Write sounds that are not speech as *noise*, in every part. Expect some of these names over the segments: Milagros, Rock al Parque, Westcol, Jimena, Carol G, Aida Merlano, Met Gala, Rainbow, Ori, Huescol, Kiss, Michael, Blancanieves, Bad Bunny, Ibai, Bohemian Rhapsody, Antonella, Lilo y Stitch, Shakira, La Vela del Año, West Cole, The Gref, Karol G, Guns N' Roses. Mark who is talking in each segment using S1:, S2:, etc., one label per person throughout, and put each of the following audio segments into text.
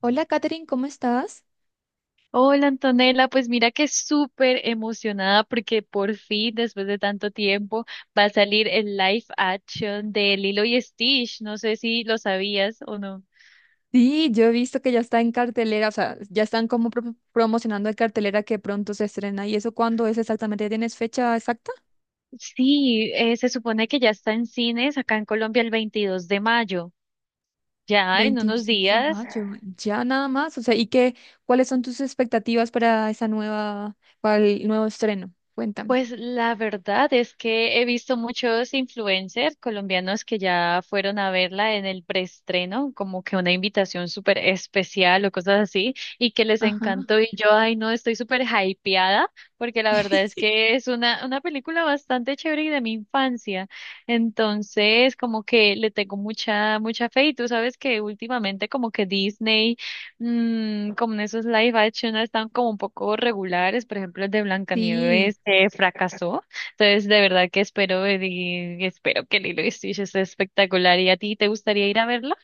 S1: Hola, Katherine, ¿cómo estás?
S2: Hola Antonella, pues mira que súper emocionada porque por fin, después de tanto tiempo, va a salir el live action de Lilo y Stitch. No sé si lo sabías o no.
S1: Sí, yo he visto que ya está en cartelera, o sea, ya están como promocionando en cartelera que pronto se estrena. ¿Y eso cuándo es exactamente? ¿Tienes fecha exacta?
S2: Sí, se supone que ya está en cines acá en Colombia el 22 de mayo. Ya en unos
S1: 26 de
S2: días.
S1: mayo, ya nada más. O sea, ¿y qué, cuáles son tus expectativas para esa nueva, para el nuevo estreno? Cuéntame.
S2: Pues la verdad es que he visto muchos influencers colombianos que ya fueron a verla en el preestreno, como que una invitación súper especial o cosas así, y que les
S1: Ajá.
S2: encantó. Y yo, ay, no, estoy súper hypeada, porque la verdad
S1: *laughs*
S2: es que es una película bastante chévere y de mi infancia. Entonces, como que le tengo mucha, mucha fe. Y tú sabes que últimamente, como que Disney como en esos live action no están como un poco regulares, por ejemplo, el de
S1: Sí.
S2: Blancanieves fracasó, entonces de verdad que espero ver y espero que Lilo y Stitch esté espectacular. ¿Y a ti te gustaría ir a verla?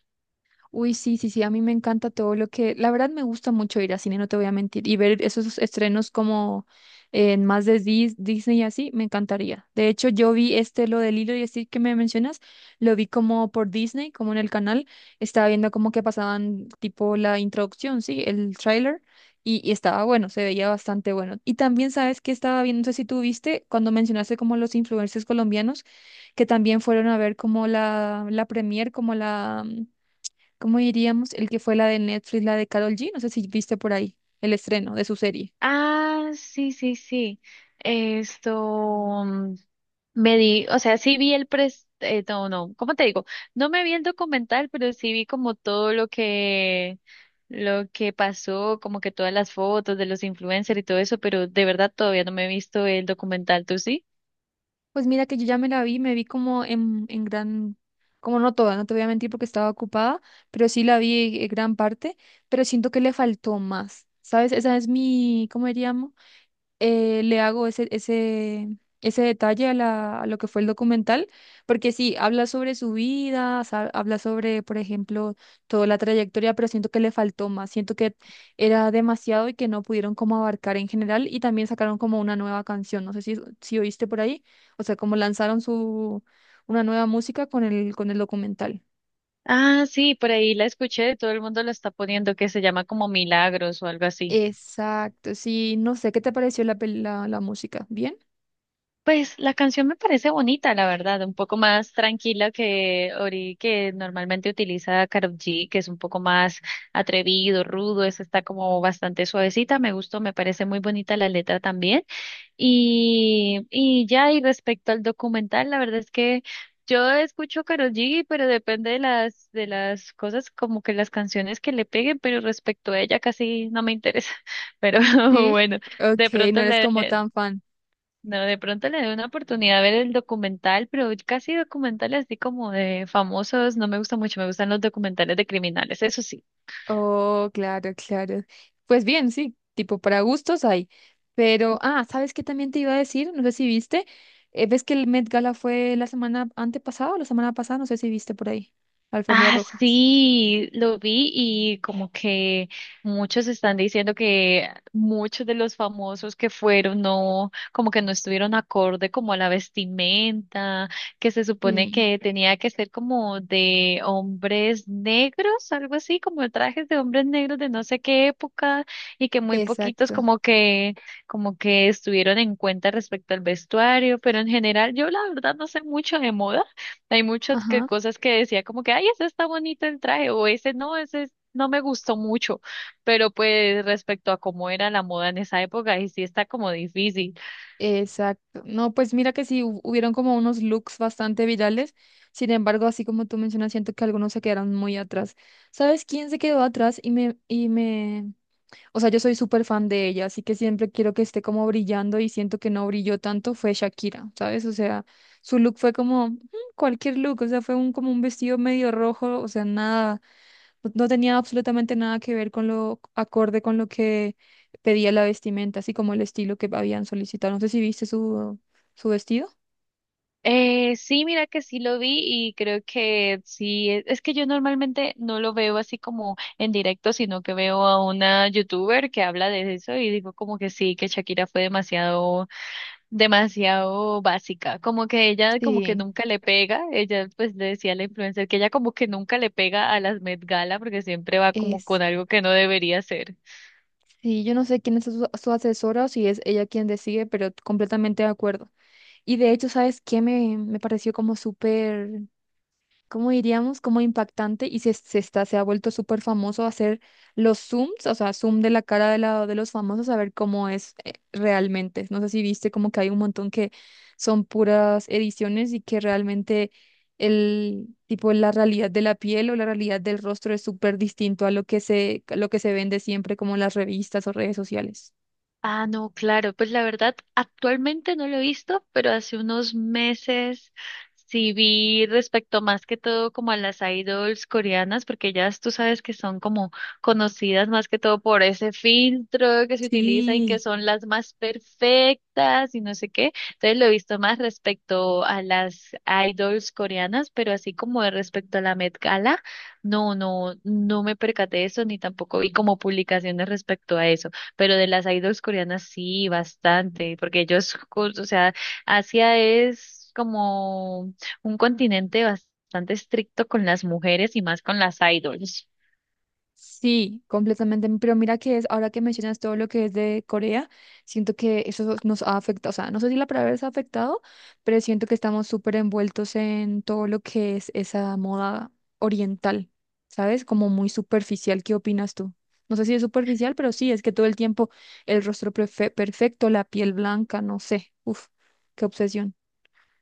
S1: Uy, sí, sí, sí, a mí me encanta todo lo que, la verdad me gusta mucho ir a cine, no te voy a mentir, y ver esos estrenos como en más de Disney y así, me encantaría. De hecho, yo vi este, lo del hilo y así que me mencionas, lo vi como por Disney, como en el canal, estaba viendo como que pasaban tipo la introducción, sí, el tráiler, y, estaba bueno, se veía bastante bueno. Y también sabes que estaba viendo, no sé si tú viste, cuando mencionaste como los influencers colombianos, que también fueron a ver como la premier, como la... ¿Cómo diríamos? El que fue la de Netflix, la de Carol G. No sé si viste por ahí el estreno de su serie.
S2: Ah, sí, sí, sí. Esto mm, me di, o sea, sí vi el pres, no, no, ¿cómo te digo? No me vi el documental, pero sí vi como todo lo que pasó, como que todas las fotos de los influencers y todo eso, pero de verdad todavía no me he visto el documental, ¿tú sí?
S1: Pues mira que yo ya me la vi, me vi como en gran, como no toda, no te voy a mentir porque estaba ocupada, pero sí la vi en gran parte, pero siento que le faltó más, ¿sabes? Esa es mi, ¿cómo diríamos? Le hago ese detalle a, la, a lo que fue el documental, porque sí, habla sobre su vida, habla sobre, por ejemplo, toda la trayectoria, pero siento que le faltó más, siento que era demasiado y que no pudieron como abarcar en general y también sacaron como una nueva canción, no sé si, si oíste por ahí, o sea, como lanzaron su, una nueva música con el documental.
S2: Ah, sí, por ahí la escuché, todo el mundo la está poniendo que se llama como Milagros o algo así.
S1: Exacto, sí, no sé, ¿qué te pareció la, la, la música? ¿Bien?
S2: Pues la canción me parece bonita, la verdad, un poco más tranquila que Ori, que normalmente utiliza Karol G, que es un poco más atrevido, rudo, esa está como bastante suavecita, me gustó, me parece muy bonita la letra también. Y ya, y respecto al documental, la verdad es que yo escucho Karol G, pero depende de las cosas, como que las canciones que le peguen, pero respecto a ella casi no me interesa. *laughs* Pero *laughs*
S1: Sí.
S2: bueno,
S1: Ok,
S2: de
S1: no
S2: pronto
S1: eres
S2: le,
S1: como tan fan.
S2: no, de pronto le doy una oportunidad a ver el documental, pero casi documentales así como de famosos, no me gusta mucho, me gustan los documentales de criminales, eso sí.
S1: Oh, claro, claro. Pues bien, sí, tipo para gustos hay. Pero, ah, ¿sabes qué también te iba a decir? No sé si viste. ¿Ves que el Met Gala fue la semana antepasada o la semana pasada? No sé si viste por ahí. La alfombra
S2: Ah,
S1: roja.
S2: sí, lo vi y como que muchos están diciendo que muchos de los famosos que fueron no, como que no estuvieron acorde como a la vestimenta, que se supone
S1: Sí,
S2: que tenía que ser como de hombres negros, algo así, como trajes de hombres negros de no sé qué época y que muy poquitos
S1: exacto.
S2: como que estuvieron en cuenta respecto al vestuario, pero en general yo la verdad no sé mucho de moda. Hay muchas que,
S1: Ajá,
S2: cosas que decía como que, ay, ese está bonito el traje, o ese no, no me gustó mucho, pero pues respecto a cómo era la moda en esa época, y sí está como difícil.
S1: exacto. No, pues mira que sí, hubieron como unos looks bastante virales. Sin embargo, así como tú mencionas, siento que algunos se quedaron muy atrás. ¿Sabes quién se quedó atrás y me? O sea, yo soy súper fan de ella, así que siempre quiero que esté como brillando y siento que no brilló tanto fue Shakira, ¿sabes? O sea, su look fue como mm, cualquier look, o sea, fue un, como un vestido medio rojo, o sea, nada, no tenía absolutamente nada que ver con lo acorde con lo que pedía la vestimenta, así como el estilo que habían solicitado. No sé si viste su, su vestido.
S2: Sí, mira que sí lo vi y creo que sí, es que yo normalmente no lo veo así como en directo, sino que veo a una youtuber que habla de eso y digo como que sí, que Shakira fue demasiado básica, como que ella como que
S1: Sí,
S2: nunca le pega, ella pues le decía a la influencer que ella como que nunca le pega a las Met Gala porque siempre va como
S1: Es,
S2: con algo que no debería ser.
S1: sí, yo no sé quién es su, su asesora o si es ella quien decide, pero completamente de acuerdo. Y de hecho, ¿sabes qué me, me pareció como súper? Como diríamos, como impactante y se está, se ha vuelto súper famoso hacer los zooms, o sea, zoom de la cara de, la, de los famosos a ver cómo es realmente. No sé si viste como que hay un montón que son puras ediciones y que realmente el tipo, la realidad de la piel o la realidad del rostro es súper distinto a lo que se, a lo que se vende siempre como en las revistas o redes sociales.
S2: Ah, no, claro, pues la verdad, actualmente no lo he visto, pero hace unos meses sí vi respecto más que todo como a las idols coreanas, porque ellas tú sabes que son como conocidas más que todo por ese filtro que se utiliza en que
S1: Sí.
S2: son las más perfectas y no sé qué. Entonces lo he visto más respecto a las idols coreanas, pero así como de respecto a la Met Gala, no, no, no me percaté de eso ni tampoco vi como publicaciones respecto a eso, pero de las idols coreanas sí, bastante, porque ellos, o sea, Asia es como un continente bastante estricto con las mujeres y más con las idols.
S1: Sí, completamente. Pero mira que es, ahora que mencionas todo lo que es de Corea, siento que eso nos ha afectado. O sea, no sé si la palabra es afectado, pero siento que estamos súper envueltos en todo lo que es esa moda oriental, ¿sabes? Como muy superficial. ¿Qué opinas tú? No sé si es superficial, pero sí, es que todo el tiempo el rostro perfecto, la piel blanca, no sé. Uf, qué obsesión.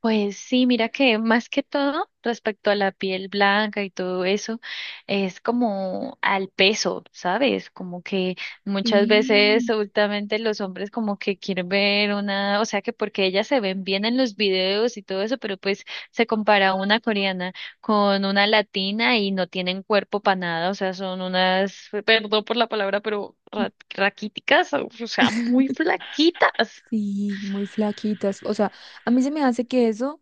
S2: Pues sí, mira que más que todo respecto a la piel blanca y todo eso, es como al peso, ¿sabes? Como que muchas veces
S1: Sí,
S2: últimamente los hombres como que quieren ver una, o sea que porque ellas se ven bien en los videos y todo eso, pero pues se compara una coreana con una latina y no tienen cuerpo para nada, o sea, son unas, perdón por la palabra, pero raquíticas, o sea, muy flaquitas.
S1: sí, muy flaquitas. O sea, a mí se me hace que eso.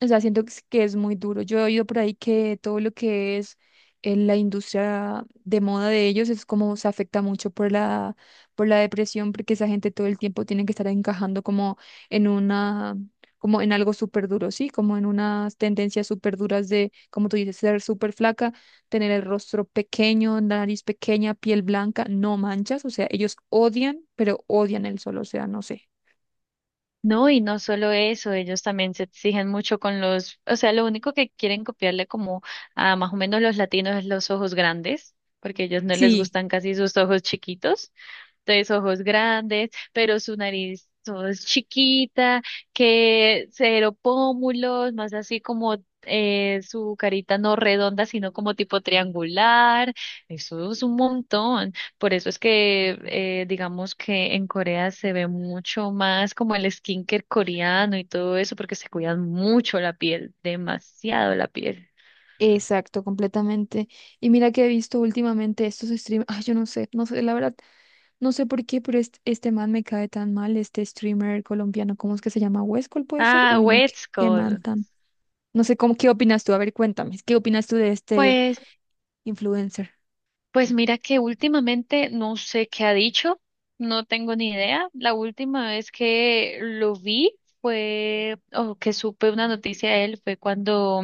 S1: O sea, siento que es muy duro. Yo he oído por ahí que todo lo que es la industria de moda de ellos es como se afecta mucho por la depresión, porque esa gente todo el tiempo tiene que estar encajando como en una, como en algo súper duro, ¿sí? Como en unas tendencias súper duras de, como tú dices, ser súper flaca, tener el rostro pequeño, nariz pequeña, piel blanca, no manchas. O sea, ellos odian, pero odian el sol. O sea, no sé.
S2: No, y no solo eso, ellos también se exigen mucho con los, o sea, lo único que quieren copiarle como a más o menos los latinos es los ojos grandes, porque a ellos no les
S1: Sí.
S2: gustan casi sus ojos chiquitos, tres ojos grandes, pero su nariz todo es chiquita, que cero pómulos, más así como su carita no redonda, sino como tipo triangular. Eso es un montón. Por eso es que digamos que en Corea se ve mucho más como el skincare coreano y todo eso, porque se cuidan mucho la piel, demasiado la piel.
S1: Exacto, completamente. Y mira que he visto últimamente estos streamers, ay, yo no sé, no sé, la verdad, no sé por qué, pero este man me cae tan mal, este streamer colombiano, ¿cómo es que se llama? ¿Huescol puede ser?
S2: Ah,
S1: Uy, no, qué,
S2: wet
S1: qué man
S2: Skull.
S1: tan. No sé, ¿cómo, qué opinas tú? A ver, cuéntame, ¿qué opinas tú de este
S2: Pues
S1: influencer?
S2: Pues mira que últimamente no sé qué ha dicho, no tengo ni idea. La última vez que lo vi fue, o que supe una noticia de él, fue cuando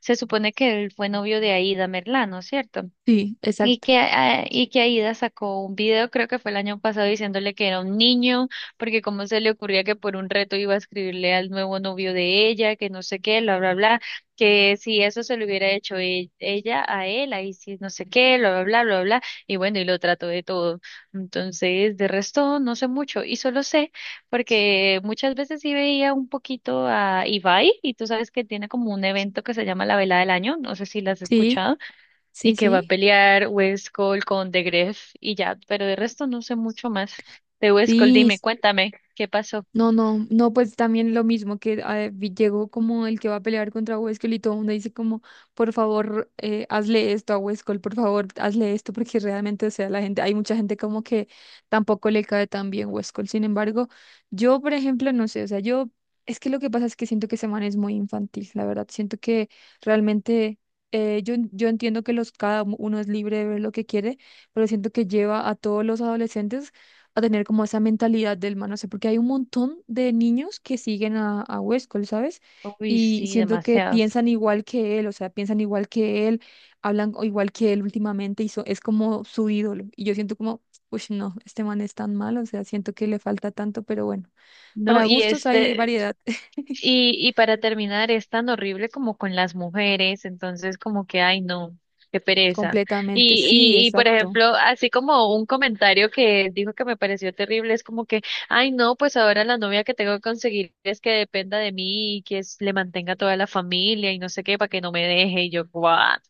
S2: se supone que él fue novio de Aida Merlano, ¿cierto?
S1: Sí,
S2: Y
S1: exacto.
S2: que, ah, y que Aida sacó un video, creo que fue el año pasado, diciéndole que era un niño, porque cómo se le ocurría que por un reto iba a escribirle al nuevo novio de ella, que no sé qué, bla, bla, bla, que si eso se lo hubiera hecho ella a él, ahí sí, no sé qué, bla, bla, bla, bla, bla, y bueno, y lo trató de todo. Entonces, de resto, no sé mucho, y solo sé, porque muchas veces sí veía un poquito a Ibai, y tú sabes que tiene como un evento que se llama La Vela del Año, no sé si la has
S1: Sí,
S2: escuchado y
S1: sí,
S2: que va a
S1: sí.
S2: pelear West Cole con The Gref y ya, pero de resto no sé mucho más. De West Cole,
S1: Sí,
S2: dime, cuéntame, ¿qué pasó?
S1: no, no, no, pues también lo mismo que llegó como el que va a pelear contra Huescal y todo el mundo dice como, por favor, hazle esto a Huescal, por favor, hazle esto, porque realmente, o sea, la gente, hay mucha gente como que tampoco le cae tan bien Huescal. Sin embargo, yo, por ejemplo, no sé, o sea, yo, es que lo que pasa es que siento que ese man es muy infantil, la verdad, siento que realmente, yo entiendo que los, cada uno es libre de ver lo que quiere, pero siento que lleva a todos los adolescentes a tener como esa mentalidad del man, no sé, porque hay un montón de niños que siguen a Westcol, ¿sabes?
S2: Uy,
S1: Y
S2: sí,
S1: siento que
S2: demasiado.
S1: piensan igual que él, o sea, piensan igual que él, hablan o igual que él últimamente, y es como su ídolo. Y yo siento como, uy, no, este man es tan malo, o sea, siento que le falta tanto, pero bueno,
S2: No,
S1: para
S2: y
S1: gustos hay
S2: este,
S1: variedad. *laughs*
S2: y para terminar, es tan horrible como con las mujeres, entonces como que, ay, no, qué pereza.
S1: Completamente, sí,
S2: Y por
S1: exacto.
S2: ejemplo, así como un comentario que dijo que me pareció terrible, es como que, ay, no, pues ahora la novia que tengo que conseguir es que dependa de mí y que le mantenga toda la familia y no sé qué, para que no me deje. Y yo, what?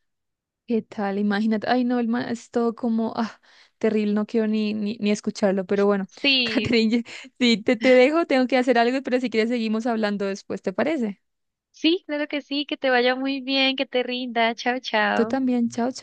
S1: ¿Qué tal? Imagínate. Ay, no, el man es todo como, ah, terrible, no quiero ni escucharlo. Pero bueno, *laughs*
S2: Sí,
S1: Catherine, sí, te dejo, tengo que hacer algo, pero si quieres seguimos hablando después, ¿te parece?
S2: sí, claro que sí, que te vaya muy bien, que te rinda, chao,
S1: Tú
S2: chao.
S1: también, chao, chao.